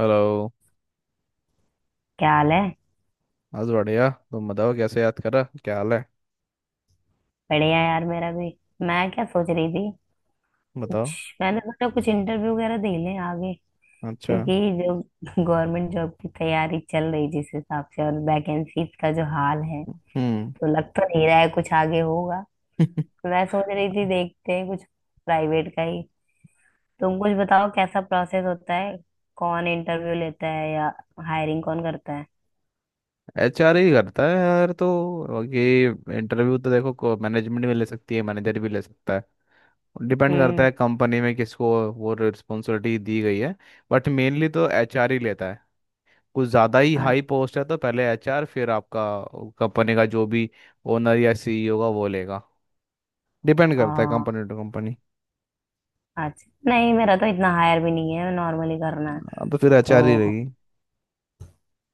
Hello. क्या हाल है। आज बढ़िया। तुम बताओ कैसे, याद करा, क्या हाल है? बढ़िया यार मेरा भी। मैं क्या सोच रही थी। कुछ। बताओ। मैंने सोचा कुछ इंटरव्यू वगैरह दे लें आगे। अच्छा। क्योंकि जो गवर्नमेंट जॉब की तैयारी चल रही जिस हिसाब से और वैकेंसीज का जो हाल है, हम्म। तो लग तो नहीं रहा है कुछ आगे होगा। मैं सोच रही थी देखते हैं कुछ प्राइवेट का ही। तुम कुछ बताओ कैसा प्रोसेस होता है। कौन इंटरव्यू लेता है, या हायरिंग कौन करता है। एच आर ही करता है यार, तो ये इंटरव्यू तो देखो मैनेजमेंट भी ले सकती है, मैनेजर भी ले सकता है। डिपेंड करता हम्म। है कंपनी में किसको वो रिस्पॉन्सिबिलिटी दी गई है। बट मेनली तो एच आर ही लेता है। कुछ ज़्यादा ही अच्छा। हाई पोस्ट है तो पहले एच आर, फिर आपका कंपनी का जो भी ओनर या सी ई ओ का, वो लेगा। डिपेंड करता है आ, कंपनी टू कंपनी। अच्छा, नहीं मेरा तो इतना हायर भी नहीं है, नॉर्मली करना है। हाँ, तो फिर एच आर ही तो रहेगी।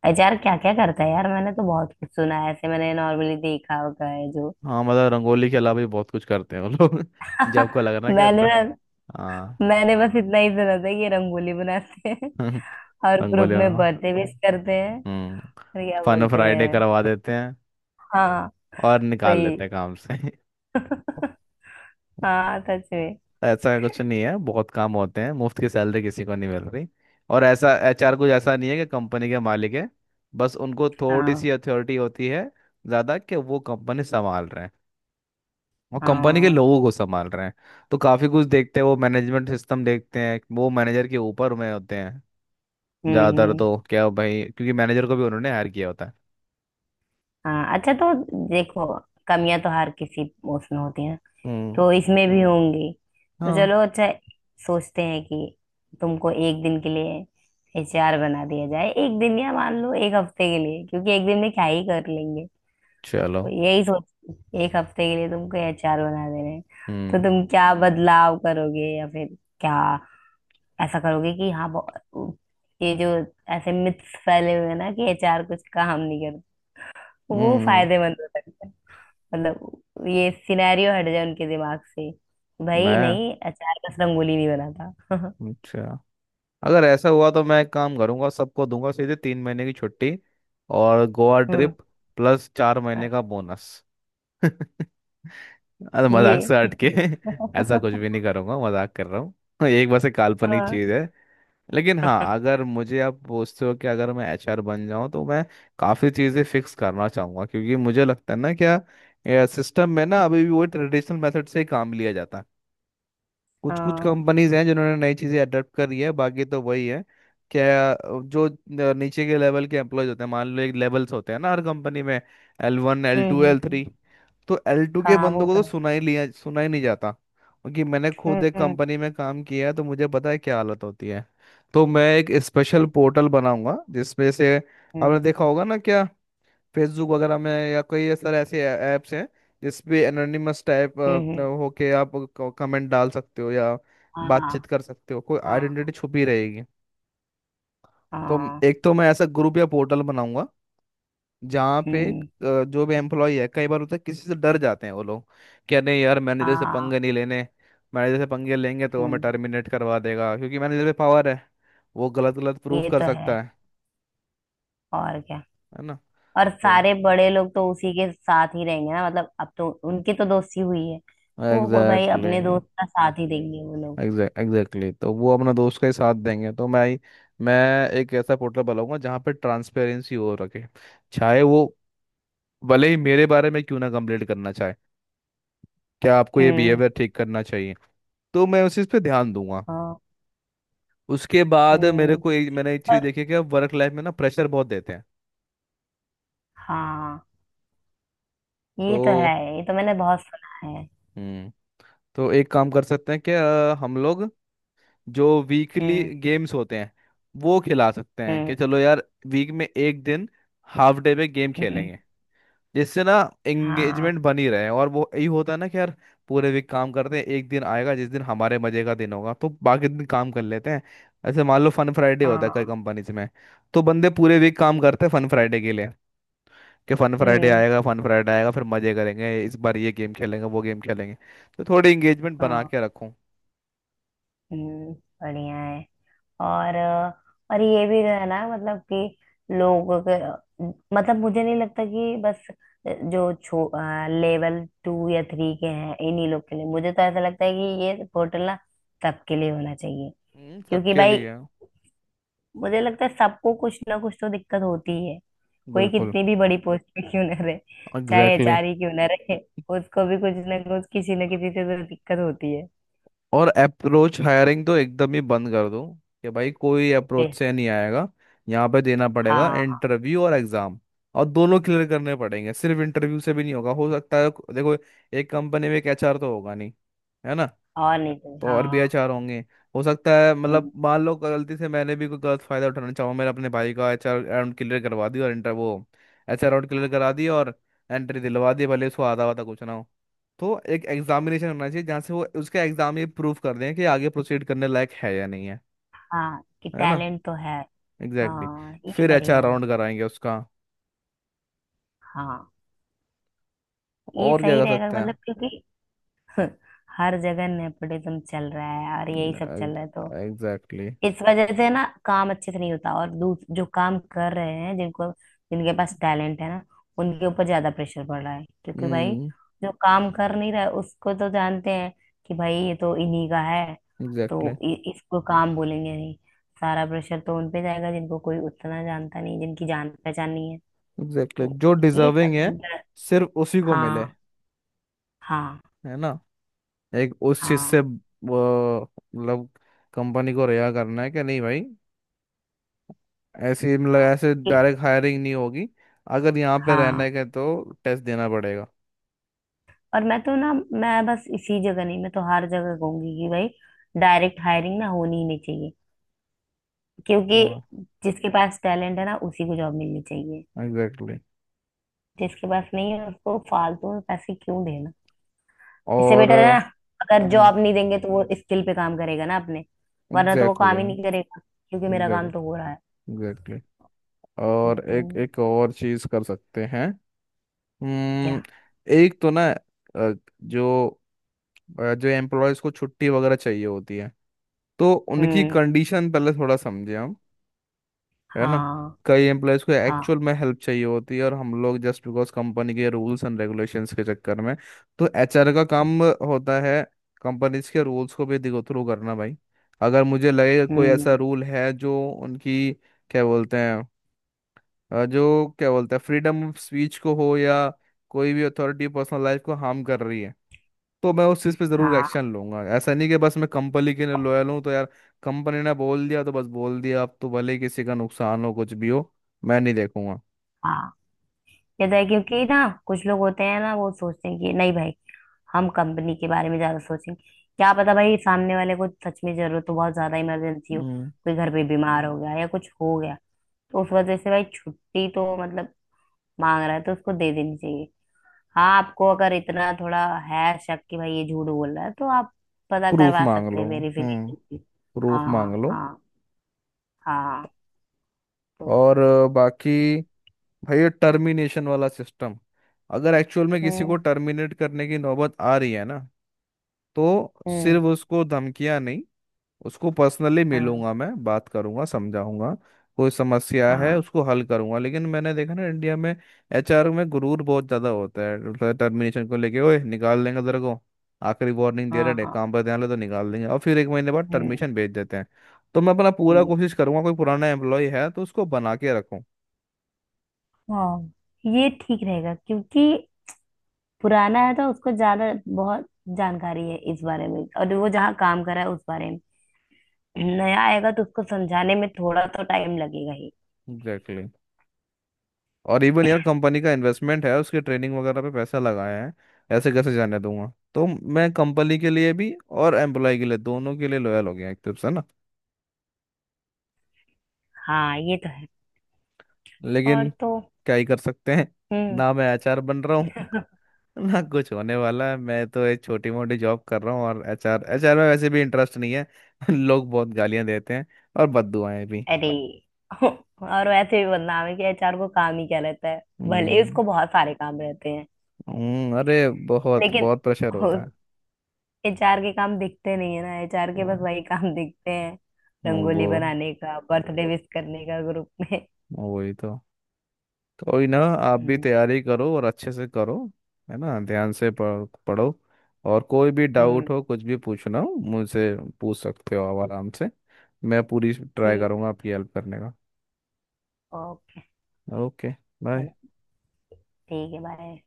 एचआर क्या क्या करता है यार, मैंने तो बहुत कुछ सुना है, ऐसे मैंने नॉर्मली देखा होगा है जो। हाँ, मतलब रंगोली के अलावा भी बहुत कुछ करते हैं वो लोग। जब आपको लग रहा है मैंने कि ना हाँ। मैंने बस इतना ही सुना था कि ये रंगोली बनाते हैं और ग्रुप रंगोली में हाँ। बर्थडे विश करते हैं। और हम्म। क्या फन बोलते फ्राइडे हैं। करवा देते हैं हाँ और निकाल सही। लेते हैं काम से। हाँ सच में। ऐसा कुछ नहीं है, बहुत काम होते हैं, मुफ्त की सैलरी किसी को नहीं मिल रही। और ऐसा एचआर कुछ ऐसा नहीं है कि कंपनी के मालिक है, बस उनको थोड़ी हाँ, सी अथॉरिटी होती है ज़्यादा कि वो कंपनी संभाल रहे हैं और कंपनी के हाँ। लोगों को संभाल रहे हैं। तो काफी कुछ देखते हैं वो, मैनेजमेंट सिस्टम देखते हैं वो, मैनेजर के ऊपर में होते हैं हम्म, ज्यादातर हम्म। तो, क्या भाई, क्योंकि मैनेजर को भी उन्होंने हायर किया होता है। हाँ, अच्छा तो देखो, कमियां तो हर किसी उसमें होती है, हम्म। तो इसमें भी होंगी। तो हाँ। चलो अच्छा, सोचते हैं कि तुमको एक दिन के लिए एचआर बना दिया जाए, एक दिन या मान लो एक हफ्ते के लिए, क्योंकि एक दिन में क्या ही कर लेंगे। चलो। तो यही सोच, एक हफ्ते के लिए तुमको एचआर बना दे रहे हैं, तो हम्म। तुम क्या बदलाव करोगे, या फिर क्या ऐसा करोगे कि हाँ ये जो ऐसे मिथ्स फैले हुए हैं ना कि एचआर कुछ काम नहीं करता, वो हम्म। फायदेमंद हो सकता है। मतलब ये सिनेरियो हट जाए उनके दिमाग से, भाई मैं, नहीं, अचार बस रंगोली नहीं बनाता। अच्छा, अगर ऐसा हुआ तो मैं एक काम करूंगा, सबको दूंगा सीधे 3 महीने की छुट्टी और गोवा हम्म। ट्रिप प्लस चार हाँ, महीने का बोनस। अरे मजाक ये। से हट के ऐसा कुछ भी नहीं करूंगा, मजाक कर रहा हूँ। एक, बस एक काल्पनिक हाँ, चीज है। लेकिन हाँ, अगर मुझे आप पूछते हो कि अगर मैं एचआर बन जाऊं, तो मैं काफ़ी चीज़ें फिक्स करना चाहूंगा क्योंकि मुझे लगता है ना क्या, सिस्टम में ना अभी भी वो ट्रेडिशनल मेथड से ही काम लिया जाता है। कुछ कुछ हाँ। कंपनीज हैं जिन्होंने नई चीजें अडॉप्ट करी है, बाकी तो वही है। क्या, जो नीचे के लेवल के एम्प्लॉयज होते हैं, मान लो एक लेवल्स होते हैं ना हर कंपनी में, एल वन एल हम्म, टू एल हम्म। थ्री तो L2 के हाँ वो बंदों को तो तो है। सुना ही लिया, सुना ही नहीं जाता, क्योंकि मैंने खुद एक हम्म, कंपनी में काम किया है तो मुझे पता है क्या हालत होती है। तो मैं एक स्पेशल पोर्टल बनाऊंगा जिसमें से, आपने हम्म, देखा होगा ना क्या, फेसबुक वगैरह में या कोई ऐसा, ऐसे ऐप्स हैं जिसपे एनोनिमस टाइप हम्म, हम्म। होके आप कमेंट डाल सकते हो या हाँ, बातचीत कर सकते हो, कोई हाँ, आइडेंटिटी छुपी रहेगी। तो हाँ। एक तो मैं ऐसा ग्रुप या पोर्टल बनाऊंगा जहाँ पे हम्म। जो भी एम्प्लॉय है, कई बार होता है किसी से डर जाते हैं वो लोग, क्या, नहीं यार मैनेजर से हाँ। पंगे नहीं लेने, मैनेजर से पंगे लेंगे तो वो हमें हम्म। टर्मिनेट करवा देगा क्योंकि मैनेजर पे पावर है, वो गलत गलत प्रूफ ये कर तो है। सकता है और क्या। है ना। और तो सारे बड़े लोग तो उसी के साथ ही रहेंगे ना, मतलब अब तो उनकी तो दोस्ती हुई है, तो वो कोई भाई एग्जैक्टली, अपने दोस्त का साथ ही देंगे वो लोग। एग्जैक्टली, तो वो अपना दोस्त का ही साथ देंगे। तो मैं एक ऐसा पोर्टल बनाऊंगा जहाँ पे ट्रांसपेरेंसी हो रखे, चाहे वो, भले ही मेरे बारे में क्यों ना कंप्लेंट करना चाहे क्या आपको ये हम्म। बिहेवियर ठीक करना चाहिए, तो मैं उस चीज़ पे ध्यान दूंगा। उसके ओके। बाद मेरे को एक, मैंने एक चीज़ पर देखी है कि अब वर्क लाइफ में ना प्रेशर बहुत देते हैं। हाँ, ये तो तो है, ये तो मैंने बहुत सुना है। हम्म, तो एक काम कर सकते हैं कि हम लोग जो वीकली हम्म, गेम्स होते हैं वो खिला सकते हैं कि हम्म, चलो यार वीक में एक दिन हाफ डे पे गेम हम्म। खेलेंगे। इससे ना हाँ, एंगेजमेंट बनी रहे, और वो यही होता है ना कि यार पूरे वीक काम करते हैं, एक दिन आएगा जिस दिन हमारे मजे का दिन होगा तो बाकी दिन काम कर लेते हैं। ऐसे मान लो फन फ्राइडे होता है कई हाँ। कंपनीज में, तो बंदे पूरे वीक काम करते हैं फन फ्राइडे के लिए कि फन फ्राइडे हम्म। आएगा, फन फ्राइडे आएगा, फिर मजे करेंगे, इस बार ये गेम खेलेंगे, वो गेम खेलेंगे। तो थोड़ी एंगेजमेंट बना हाँ। के रखूं। हम्म। बढ़िया है। और और ये भी जो है ना, मतलब कि लोगों के, मतलब मुझे नहीं लगता कि बस जो छो लेवल टू या थ्री के हैं इन्हीं लोग के लिए, मुझे तो ऐसा लगता है कि ये पोर्टल ना सबके लिए होना चाहिए। क्योंकि सबके भाई लिए। मुझे लगता है सबको कुछ ना कुछ तो दिक्कत होती ही है, कोई बिल्कुल, कितनी भी बड़ी पोस्ट पे क्यों ना रहे। चाहे एग्जैक्टली। एचआर ही क्यों ना रहे, उसको भी कुछ ना कुछ किसी ना किसी से तो दिक्कत होती है। और अप्रोच हायरिंग तो एकदम ही बंद कर दो कि भाई कोई ए, अप्रोच से नहीं आएगा, यहाँ पे देना पड़ेगा हाँ इंटरव्यू और एग्जाम, और दोनों क्लियर करने पड़ेंगे, सिर्फ इंटरव्यू से भी नहीं होगा। हो सकता है देखो, एक कंपनी में एक एचआर तो होगा नहीं, है ना, और नहीं तो तो और भी हाँ। एचआर होंगे। हो सकता है मतलब, हम्म, मान लो गलती से मैंने भी कोई गलत फायदा उठाना चाहूँ, मैंने अपने भाई का एचआर राउंड क्लियर करवा दिया और इंटर वो एचआर राउंड क्लियर करा दिया और एंट्री दिलवा दी, भले उसको आधा आधा कुछ ना हो। तो एक एग्जामिनेशन होना चाहिए जहाँ से वो उसका एग्जाम ये प्रूव कर दें कि आगे प्रोसीड करने लायक है या नहीं है, हाँ कि है ना। टैलेंट तो है। एग्जैक्टली, हाँ, exactly. ये फिर बढ़िया एचआर है। राउंड कराएंगे उसका। हाँ, ये और क्या सही कर रहेगा सकते मतलब, हैं। क्योंकि हर जगह नेपोटिज्म चल रहा है और यही सब चल रहा है, तो एग्जैक्टली। इस वजह से ना काम अच्छे से नहीं होता, और दूस जो काम कर रहे हैं, जिनको जिनके पास टैलेंट है ना, उनके ऊपर ज्यादा प्रेशर पड़ रहा है। क्योंकि भाई हम्म। जो काम कर नहीं रहा है उसको तो जानते हैं कि भाई ये तो इन्हीं का है, एग्जैक्टली, तो इसको काम बोलेंगे नहीं, सारा प्रेशर तो उनपे जाएगा जिनको कोई उतना जानता नहीं, जिनकी जान पहचान नहीं है। एग्जैक्टली तो जो ये डिजर्विंग है, सब। सिर्फ उसी को हाँ, मिले, हाँ, है ना। एक उस चीज से हाँ, वो, मतलब कंपनी को रिहा करना है कि नहीं भाई ऐसे, मतलब हाँ। ऐसे ये- डायरेक्ट हायरिंग नहीं होगी, अगर यहाँ पे रहने हाँ। के तो टेस्ट देना पड़ेगा। और मैं तो ना मैं बस इसी जगह नहीं, मैं तो हर जगह कहूंगी कि भाई डायरेक्ट हायरिंग ना होनी ही नहीं चाहिए, क्योंकि जिसके पास टैलेंट है ना उसी को जॉब मिलनी चाहिए। एग्जैक्टली। जिसके पास नहीं है उसको फालतू में पैसे क्यों देना। इससे और बेटर है ना, अगर हम्म, जॉब नहीं देंगे तो वो स्किल पे काम करेगा ना अपने, वरना तो वो काम एग्जैक्टली, ही नहीं करेगा, क्योंकि मेरा एग्जैक्ट, काम तो हो रहा है। एग्जैक्टली। और एक हम्म, एक और चीज कर सकते हैं। क्या। हम्म। एक तो ना जो जो एम्प्लॉयज को छुट्टी वगैरह चाहिए होती है, तो उनकी हम्म, कंडीशन पहले थोड़ा समझे हम, है ना। हाँ, कई एम्प्लॉयज़ को एक्चुअल हाँ। में हेल्प चाहिए होती है, और हम लोग जस्ट बिकॉज कंपनी के रूल्स एंड रेगुलेशंस के चक्कर में। तो एचआर का काम होता है कंपनीज के रूल्स को भी देखो थ्रू करना भाई। अगर मुझे लगे कोई ऐसा हम्म, रूल है जो उनकी क्या बोलते हैं जो क्या बोलते हैं फ्रीडम ऑफ स्पीच को हो, या कोई भी अथॉरिटी पर्सनल लाइफ को हार्म कर रही है, तो मैं उस चीज़ पे ज़रूर हाँ, एक्शन लूंगा। ऐसा नहीं कि बस मैं कंपनी के लिए लॉयल हूँ तो यार कंपनी ने बोल दिया तो बस बोल दिया, अब तो भले ही किसी का नुकसान हो कुछ भी हो, मैं नहीं देखूंगा। हाँ। ये तो है, क्योंकि ना कुछ लोग होते हैं ना, वो सोचते हैं कि नहीं भाई हम कंपनी के बारे में ज्यादा सोचेंगे। क्या पता भाई सामने वाले को सच में जरूरत हो, बहुत ज्यादा इमरजेंसी हो, हम्म। कोई घर पे बीमार हो गया, या कुछ हो गया। तो उस वजह से भाई छुट्टी तो मतलब मांग रहा है तो उसको दे देनी चाहिए। हाँ, आपको अगर इतना थोड़ा है शक कि भाई ये झूठ बोल रहा है, तो आप पता प्रूफ करवा मांग सकते लो। हैं, हम्म। वेरिफिकेशन। प्रूफ मांग हाँ, लो। हाँ, हाँ तो। और बाकी भाई ये टर्मिनेशन वाला सिस्टम, अगर एक्चुअल में किसी को हम्म, टर्मिनेट करने की नौबत आ रही है ना, तो हम्म। सिर्फ उसको धमकियां नहीं, उसको पर्सनली हाँ, मिलूंगा मैं, बात करूंगा, समझाऊंगा। कोई समस्या है हाँ, उसको हल करूंगा। लेकिन मैंने देखा ना इंडिया में एचआर में गुरूर बहुत ज्यादा होता है, टर्मिनेशन को लेके, ओए निकाल देंगे तेरे को, आखिरी वार्निंग दे हाँ, रहे हैं हाँ। काम पर ध्यान ले तो निकाल देंगे, और फिर 1 महीने बाद हम्म, टर्मिनेशन भेज देते हैं। तो मैं अपना पूरा हम्म। कोशिश करूंगा, कोई पुराना एम्प्लॉय है तो उसको बना के रखूं। हाँ, ये ठीक रहेगा, क्योंकि पुराना है तो उसको ज्यादा बहुत जानकारी है इस बारे में, और वो जहाँ काम कर रहा है उस बारे में। नया आएगा तो उसको समझाने में थोड़ा तो टाइम लगेगा ही। एग्जैक्टली। और इवन यार कंपनी का इन्वेस्टमेंट है, उसके ट्रेनिंग वगैरह पे पैसा लगाया है, ऐसे कैसे जाने दूंगा। तो मैं कंपनी के लिए भी और एम्प्लॉय के लिए, दोनों के लिए लॉयल हो गया एक तरफ से ना। हाँ ये तो है। और लेकिन तो। क्या ही कर सकते हैं, हम्म। ना मैं एचआर बन रहा हूँ। ना कुछ होने वाला है, मैं तो एक छोटी मोटी जॉब कर रहा हूँ, और एचआर एचआर में वैसे भी इंटरेस्ट नहीं है। लोग बहुत गालियां देते हैं, और बददुआएं भी। अरे, और वैसे भी बदनाम है कि एचआर को काम ही क्या रहता है, भले हम्म। उसको बहुत सारे काम रहते हैं। अरे बहुत लेकिन बहुत प्रेशर होता है। एचआर के काम दिखते नहीं है ना, एचआर के वो बस वही काम दिखते हैं, वो रंगोली बनाने का, बर्थडे विश करने का ग्रुप में। वही तो। कोई ना, आप भी हम्म, तैयारी करो और अच्छे से करो, है ना। ध्यान से पढ़ो। और कोई भी हम्म। डाउट हो, कुछ भी पूछना हो मुझसे पूछ सकते हो आप आराम से। मैं पूरी ट्राई ठीक। करूंगा आपकी हेल्प करने का। ओके। ओके। बाय। ठीक है, बाय।